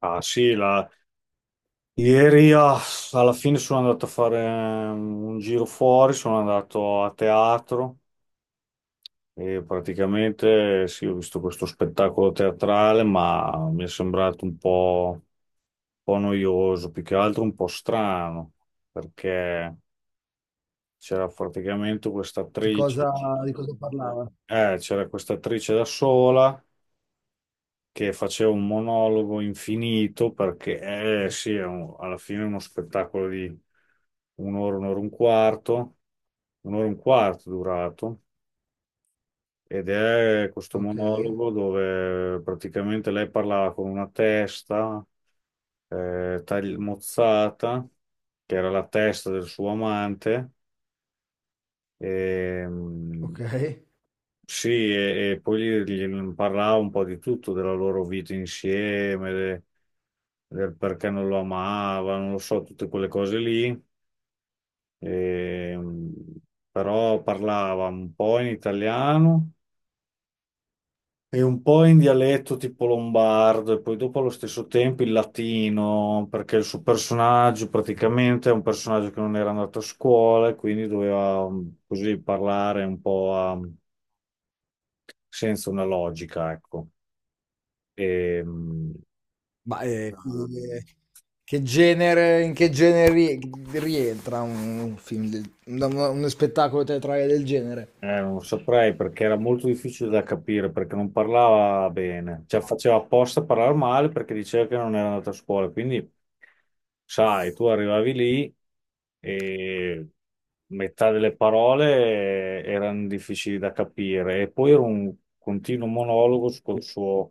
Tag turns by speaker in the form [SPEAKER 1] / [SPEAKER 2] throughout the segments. [SPEAKER 1] Ah sì, ieri alla fine sono andato a fare un giro fuori, sono andato a teatro e praticamente sì, ho visto questo spettacolo teatrale, ma mi è sembrato un po' noioso, più che altro un po' strano, perché c'era praticamente questa
[SPEAKER 2] Di
[SPEAKER 1] attrice,
[SPEAKER 2] cosa di cosa parlava?
[SPEAKER 1] c'era questa attrice da sola che facevo un monologo infinito perché sì, alla fine è uno spettacolo di un'ora, un'ora e un quarto, un'ora e un quarto durato, ed è questo
[SPEAKER 2] Okay,
[SPEAKER 1] monologo dove praticamente lei parlava con una testa mozzata, che era la testa del suo amante. E,
[SPEAKER 2] okay.
[SPEAKER 1] Sì, e poi gli parlava un po' di tutto, della loro vita insieme, del perché non lo amava, non lo so, tutte quelle cose lì. E, mh, Però parlava un po' in italiano e un po' in dialetto tipo lombardo, e poi dopo allo stesso tempo in latino, perché il suo personaggio praticamente è un personaggio che non era andato a scuola e quindi doveva così parlare un po' senza una logica, ecco. E, mh,
[SPEAKER 2] Ma, che genere, in che genere rie rientra un film del da una uno spettacolo teatrale del genere?
[SPEAKER 1] Non saprei perché era molto difficile da capire perché non parlava bene, cioè faceva apposta a parlare male perché diceva che non era andata a scuola. Quindi, sai, tu arrivavi lì e metà delle parole erano difficili da capire, e poi era un continuo monologo sul suo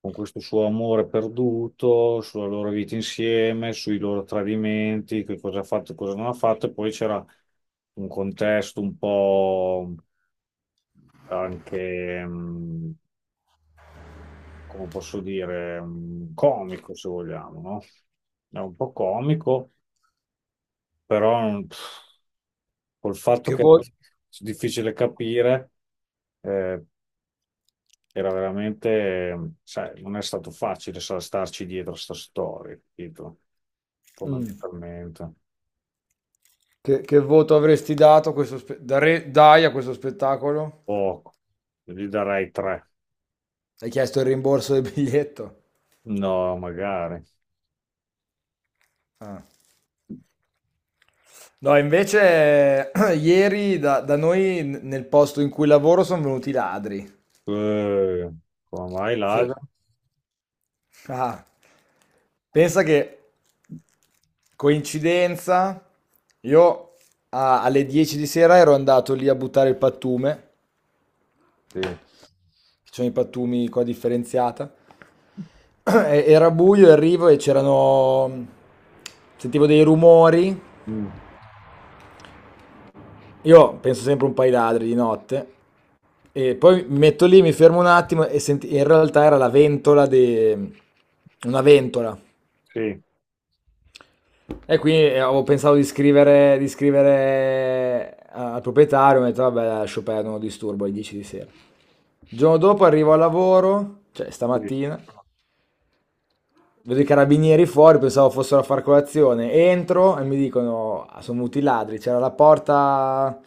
[SPEAKER 1] con questo suo amore perduto, sulla loro vita insieme, sui loro tradimenti, che cosa ha fatto e cosa non ha fatto, e poi c'era un contesto un po' anche, come posso dire, comico, se vogliamo, no? È un po' comico, però col fatto
[SPEAKER 2] Che
[SPEAKER 1] che è
[SPEAKER 2] vo
[SPEAKER 1] difficile capire. eh, Era veramente, sai, non è stato facile starci dietro a sta storia, capito?
[SPEAKER 2] mh,
[SPEAKER 1] Fondamentalmente.
[SPEAKER 2] che voto avresti dato a questo spe dare dai a questo spettacolo?
[SPEAKER 1] Poco. Gli darei 3.
[SPEAKER 2] Hai chiesto il rimborso del biglietto?
[SPEAKER 1] No, magari.
[SPEAKER 2] Ah. No, invece ieri da noi n nel posto in cui lavoro son venuti i ladri.
[SPEAKER 1] Eh, Come mai
[SPEAKER 2] Sì.
[SPEAKER 1] Ladra?
[SPEAKER 2] Ah. Pensa che coincidenza, io alle 10 di sera ero andato lì a buttare il pattume.
[SPEAKER 1] Sì.
[SPEAKER 2] Ci sono i pattumi, qua differenziata. Era buio e arrivo e c'erano, sentivo dei rumori.
[SPEAKER 1] Mm.
[SPEAKER 2] Io penso sempre un paio di ladri di notte, e poi mi metto lì, mi fermo un attimo e in realtà era la ventola di una ventola.
[SPEAKER 1] Sì,
[SPEAKER 2] E quindi avevo pensato di scrivere al proprietario. Mi ho detto vabbè, lascio perdere, non lo disturbo alle 10 di sera. Il giorno dopo arrivo al lavoro, cioè
[SPEAKER 1] sì.
[SPEAKER 2] stamattina, vedo i carabinieri fuori, pensavo fossero a far colazione. Entro e mi dicono, "Ah, sono venuti i ladri, c'era la porta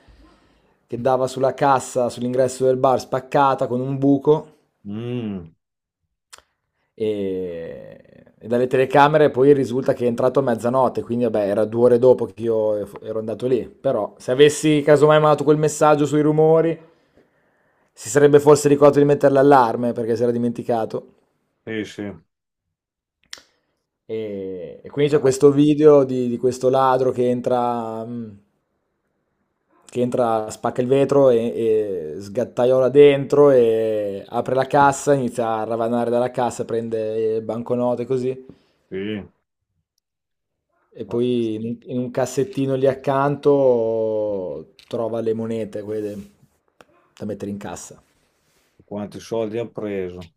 [SPEAKER 2] che dava sulla cassa, sull'ingresso del bar, spaccata con un buco,
[SPEAKER 1] Mm,
[SPEAKER 2] e dalle telecamere poi risulta che è entrato a mezzanotte". Quindi vabbè, era due ore dopo che io ero andato lì. Però se avessi casomai mandato quel messaggio sui rumori, si sarebbe forse ricordato di mettere l'allarme, perché si era dimenticato.
[SPEAKER 1] sì, sì.
[SPEAKER 2] E quindi c'è
[SPEAKER 1] Dai,
[SPEAKER 2] questo video di questo ladro che entra, spacca il vetro e sgattaiola dentro e apre la cassa, inizia a ravanare dalla cassa, prende banconote così.
[SPEAKER 1] sì.
[SPEAKER 2] E
[SPEAKER 1] Quanti
[SPEAKER 2] poi in un cassettino lì accanto trova le monete, quelle da mettere in cassa.
[SPEAKER 1] quanti soldi ha preso?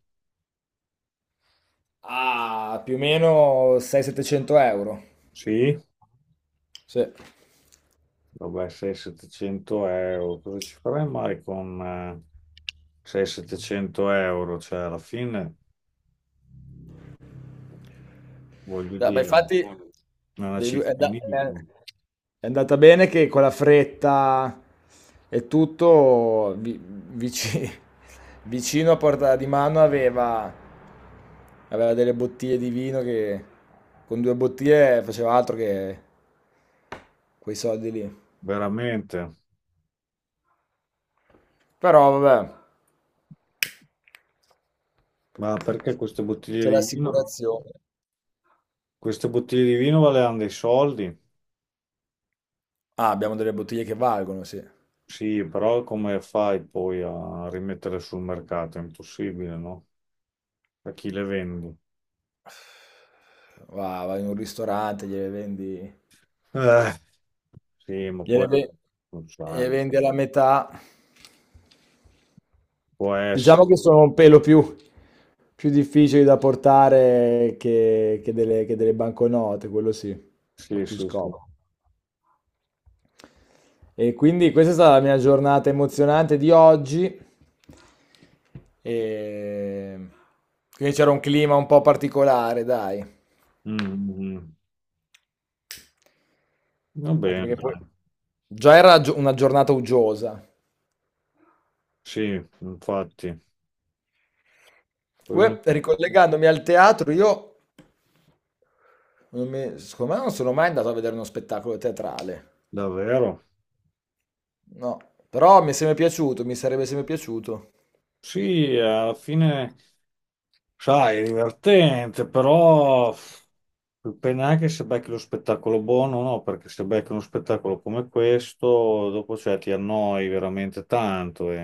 [SPEAKER 2] Ah, più o meno 600-700 euro.
[SPEAKER 1] Sì,
[SPEAKER 2] Sì.
[SPEAKER 1] vabbè, 6-700 euro. Cosa ci farei mai con 6-700 euro? Cioè, alla fine, voglio
[SPEAKER 2] Ma
[SPEAKER 1] dire,
[SPEAKER 2] infatti,
[SPEAKER 1] è una
[SPEAKER 2] dei due, è,
[SPEAKER 1] città inimico,
[SPEAKER 2] è andata bene che con la fretta e tutto, vicino, a portata di mano aveva delle bottiglie di vino che con due bottiglie faceva altro che quei soldi lì.
[SPEAKER 1] veramente.
[SPEAKER 2] Però vabbè,
[SPEAKER 1] Ma perché queste bottiglie
[SPEAKER 2] c'è
[SPEAKER 1] di vino?
[SPEAKER 2] l'assicurazione.
[SPEAKER 1] Queste bottiglie di vino valevano dei soldi?
[SPEAKER 2] Ah, abbiamo delle bottiglie che valgono, sì.
[SPEAKER 1] Sì, però come fai poi a rimettere sul mercato? È impossibile, no? A chi le vendi?
[SPEAKER 2] Va Vai in un ristorante,
[SPEAKER 1] Eh, sì, ma poi
[SPEAKER 2] gliele ve
[SPEAKER 1] non sai,
[SPEAKER 2] gliele vendi alla metà.
[SPEAKER 1] può essere.
[SPEAKER 2] Diciamo che sono un pelo più difficili da portare che delle banconote. Quello sì, un po'
[SPEAKER 1] Sì,
[SPEAKER 2] più
[SPEAKER 1] sì, sì.
[SPEAKER 2] scomodo. E quindi questa è stata la mia giornata emozionante di oggi. Ehm, quindi c'era un clima un po' particolare, dai.
[SPEAKER 1] Mm, mm, mm. Va
[SPEAKER 2] Anche
[SPEAKER 1] bene,
[SPEAKER 2] perché poi
[SPEAKER 1] dai.
[SPEAKER 2] già era gio una giornata uggiosa.
[SPEAKER 1] Sì, infatti. Poi non
[SPEAKER 2] Comunque,
[SPEAKER 1] so.
[SPEAKER 2] ricollegandomi al teatro, io non mi- secondo me non sono mai andato a vedere uno spettacolo teatrale.
[SPEAKER 1] Davvero?
[SPEAKER 2] No, però mi è sempre piaciuto, mi sarebbe sempre piaciuto.
[SPEAKER 1] Sì, alla fine. Sai, è divertente, però dipende anche se becchi lo spettacolo buono o no, perché se becchi uno spettacolo come questo, dopo cioè, ti annoi veramente tanto e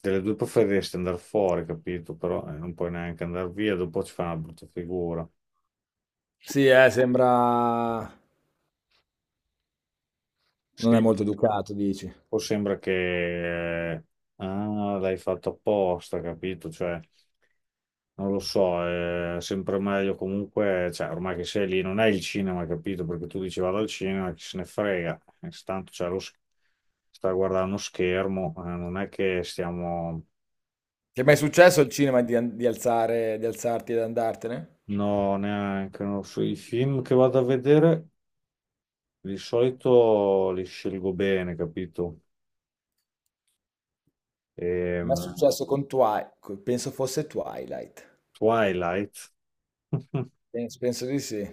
[SPEAKER 1] delle due preferiresti andare fuori, capito? Però non puoi neanche andare via, dopo ci fa una brutta figura.
[SPEAKER 2] Sì, sembra, non
[SPEAKER 1] Sì,
[SPEAKER 2] è molto educato, dici.
[SPEAKER 1] o sembra che l'hai fatto apposta, capito? Cioè, non lo so, è sempre meglio comunque, cioè, ormai che sei lì, non è il cinema, capito? Perché tu dici vado al cinema, chi se ne frega. Tanto sta guardando uno schermo, non è che stiamo.
[SPEAKER 2] Ti è mai successo al cinema di, an- di alzare, di alzarti ed andartene?
[SPEAKER 1] No, neanche, non so, i film che vado a vedere di solito li scelgo bene, capito?
[SPEAKER 2] Mi è
[SPEAKER 1] Ehm,
[SPEAKER 2] successo con Twilight, penso fosse Twilight.
[SPEAKER 1] Twilight.
[SPEAKER 2] Penso di sì.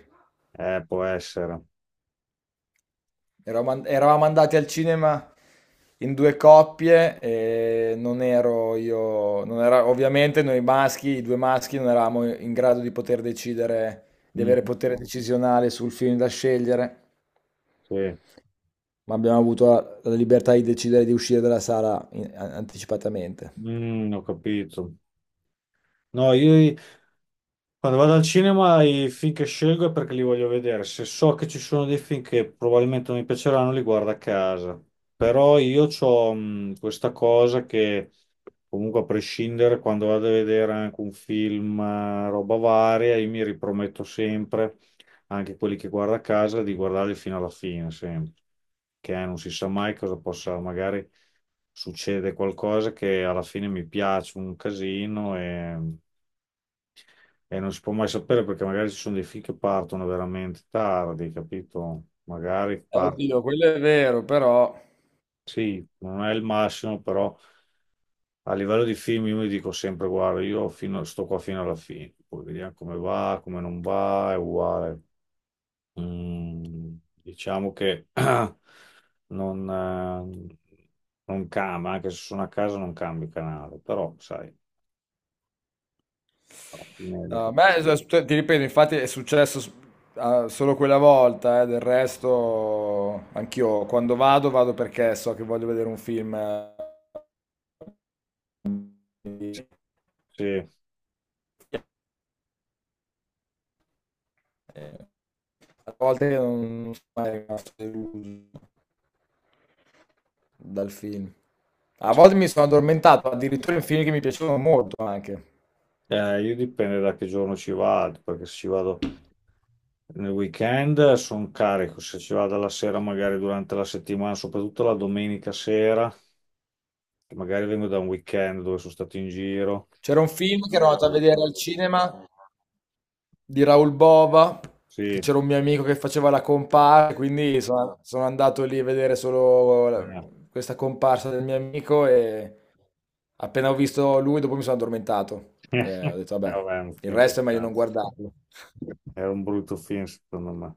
[SPEAKER 1] Può essere.
[SPEAKER 2] Eravamo andati al cinema in due coppie, e non ero io, non era, ovviamente noi maschi, i due maschi non eravamo in grado di poter decidere, di avere
[SPEAKER 1] Mm-hmm.
[SPEAKER 2] potere decisionale sul film da scegliere,
[SPEAKER 1] Sì.
[SPEAKER 2] ma abbiamo avuto la libertà di decidere di uscire dalla sala anticipatamente.
[SPEAKER 1] Mm, ho capito. No, io quando vado al cinema i film che scelgo è perché li voglio vedere. Se so che ci sono dei film che probabilmente non mi piaceranno, li guardo a casa. Però io ho questa cosa che comunque a prescindere quando vado a vedere anche un film, roba varia, io mi riprometto sempre, anche quelli che guardo a casa, di guardarli fino alla fine, sempre. Che non si sa mai cosa possa magari, succede qualcosa che alla fine mi piace un casino, e non si può mai sapere perché magari ci sono dei film che partono veramente tardi, capito?
[SPEAKER 2] Oddio, quello è vero, però
[SPEAKER 1] Sì, non è il massimo, però a livello di film io mi dico sempre, guarda, io sto qua fino alla fine, poi vediamo come va, come non va, è uguale. Mm, diciamo che non, eh, non cambia, anche se sono a casa non cambio canale, però sai, alla fine
[SPEAKER 2] no. A
[SPEAKER 1] dico,
[SPEAKER 2] me,
[SPEAKER 1] sì.
[SPEAKER 2] ti ripeto, infatti è successo, ah, solo quella volta. Eh, del resto anch'io quando vado, vado perché so che voglio vedere un film. Quindi, eh, A volte non sono mai rimasto deluso dal film. A
[SPEAKER 1] Sì.
[SPEAKER 2] volte mi sono addormentato, addirittura, in film che mi piacevano molto anche.
[SPEAKER 1] Io dipende da che giorno ci vado, perché se ci vado nel weekend sono carico, se ci vado la sera, magari durante la settimana, soprattutto la domenica sera, che magari vengo da un weekend dove sono stato in giro.
[SPEAKER 2] C'era un film che ero andato a vedere al cinema, di Raoul Bova, che
[SPEAKER 1] Sì,
[SPEAKER 2] c'era un mio amico che faceva la comparsa, quindi sono andato lì a vedere solo
[SPEAKER 1] eh.
[SPEAKER 2] questa comparsa del mio amico, e appena ho visto lui, dopo mi sono addormentato. E ho detto, vabbè,
[SPEAKER 1] Vabbè, è un
[SPEAKER 2] il
[SPEAKER 1] film del
[SPEAKER 2] resto è meglio non
[SPEAKER 1] cazzo.
[SPEAKER 2] guardarlo.
[SPEAKER 1] È un brutto film, secondo me.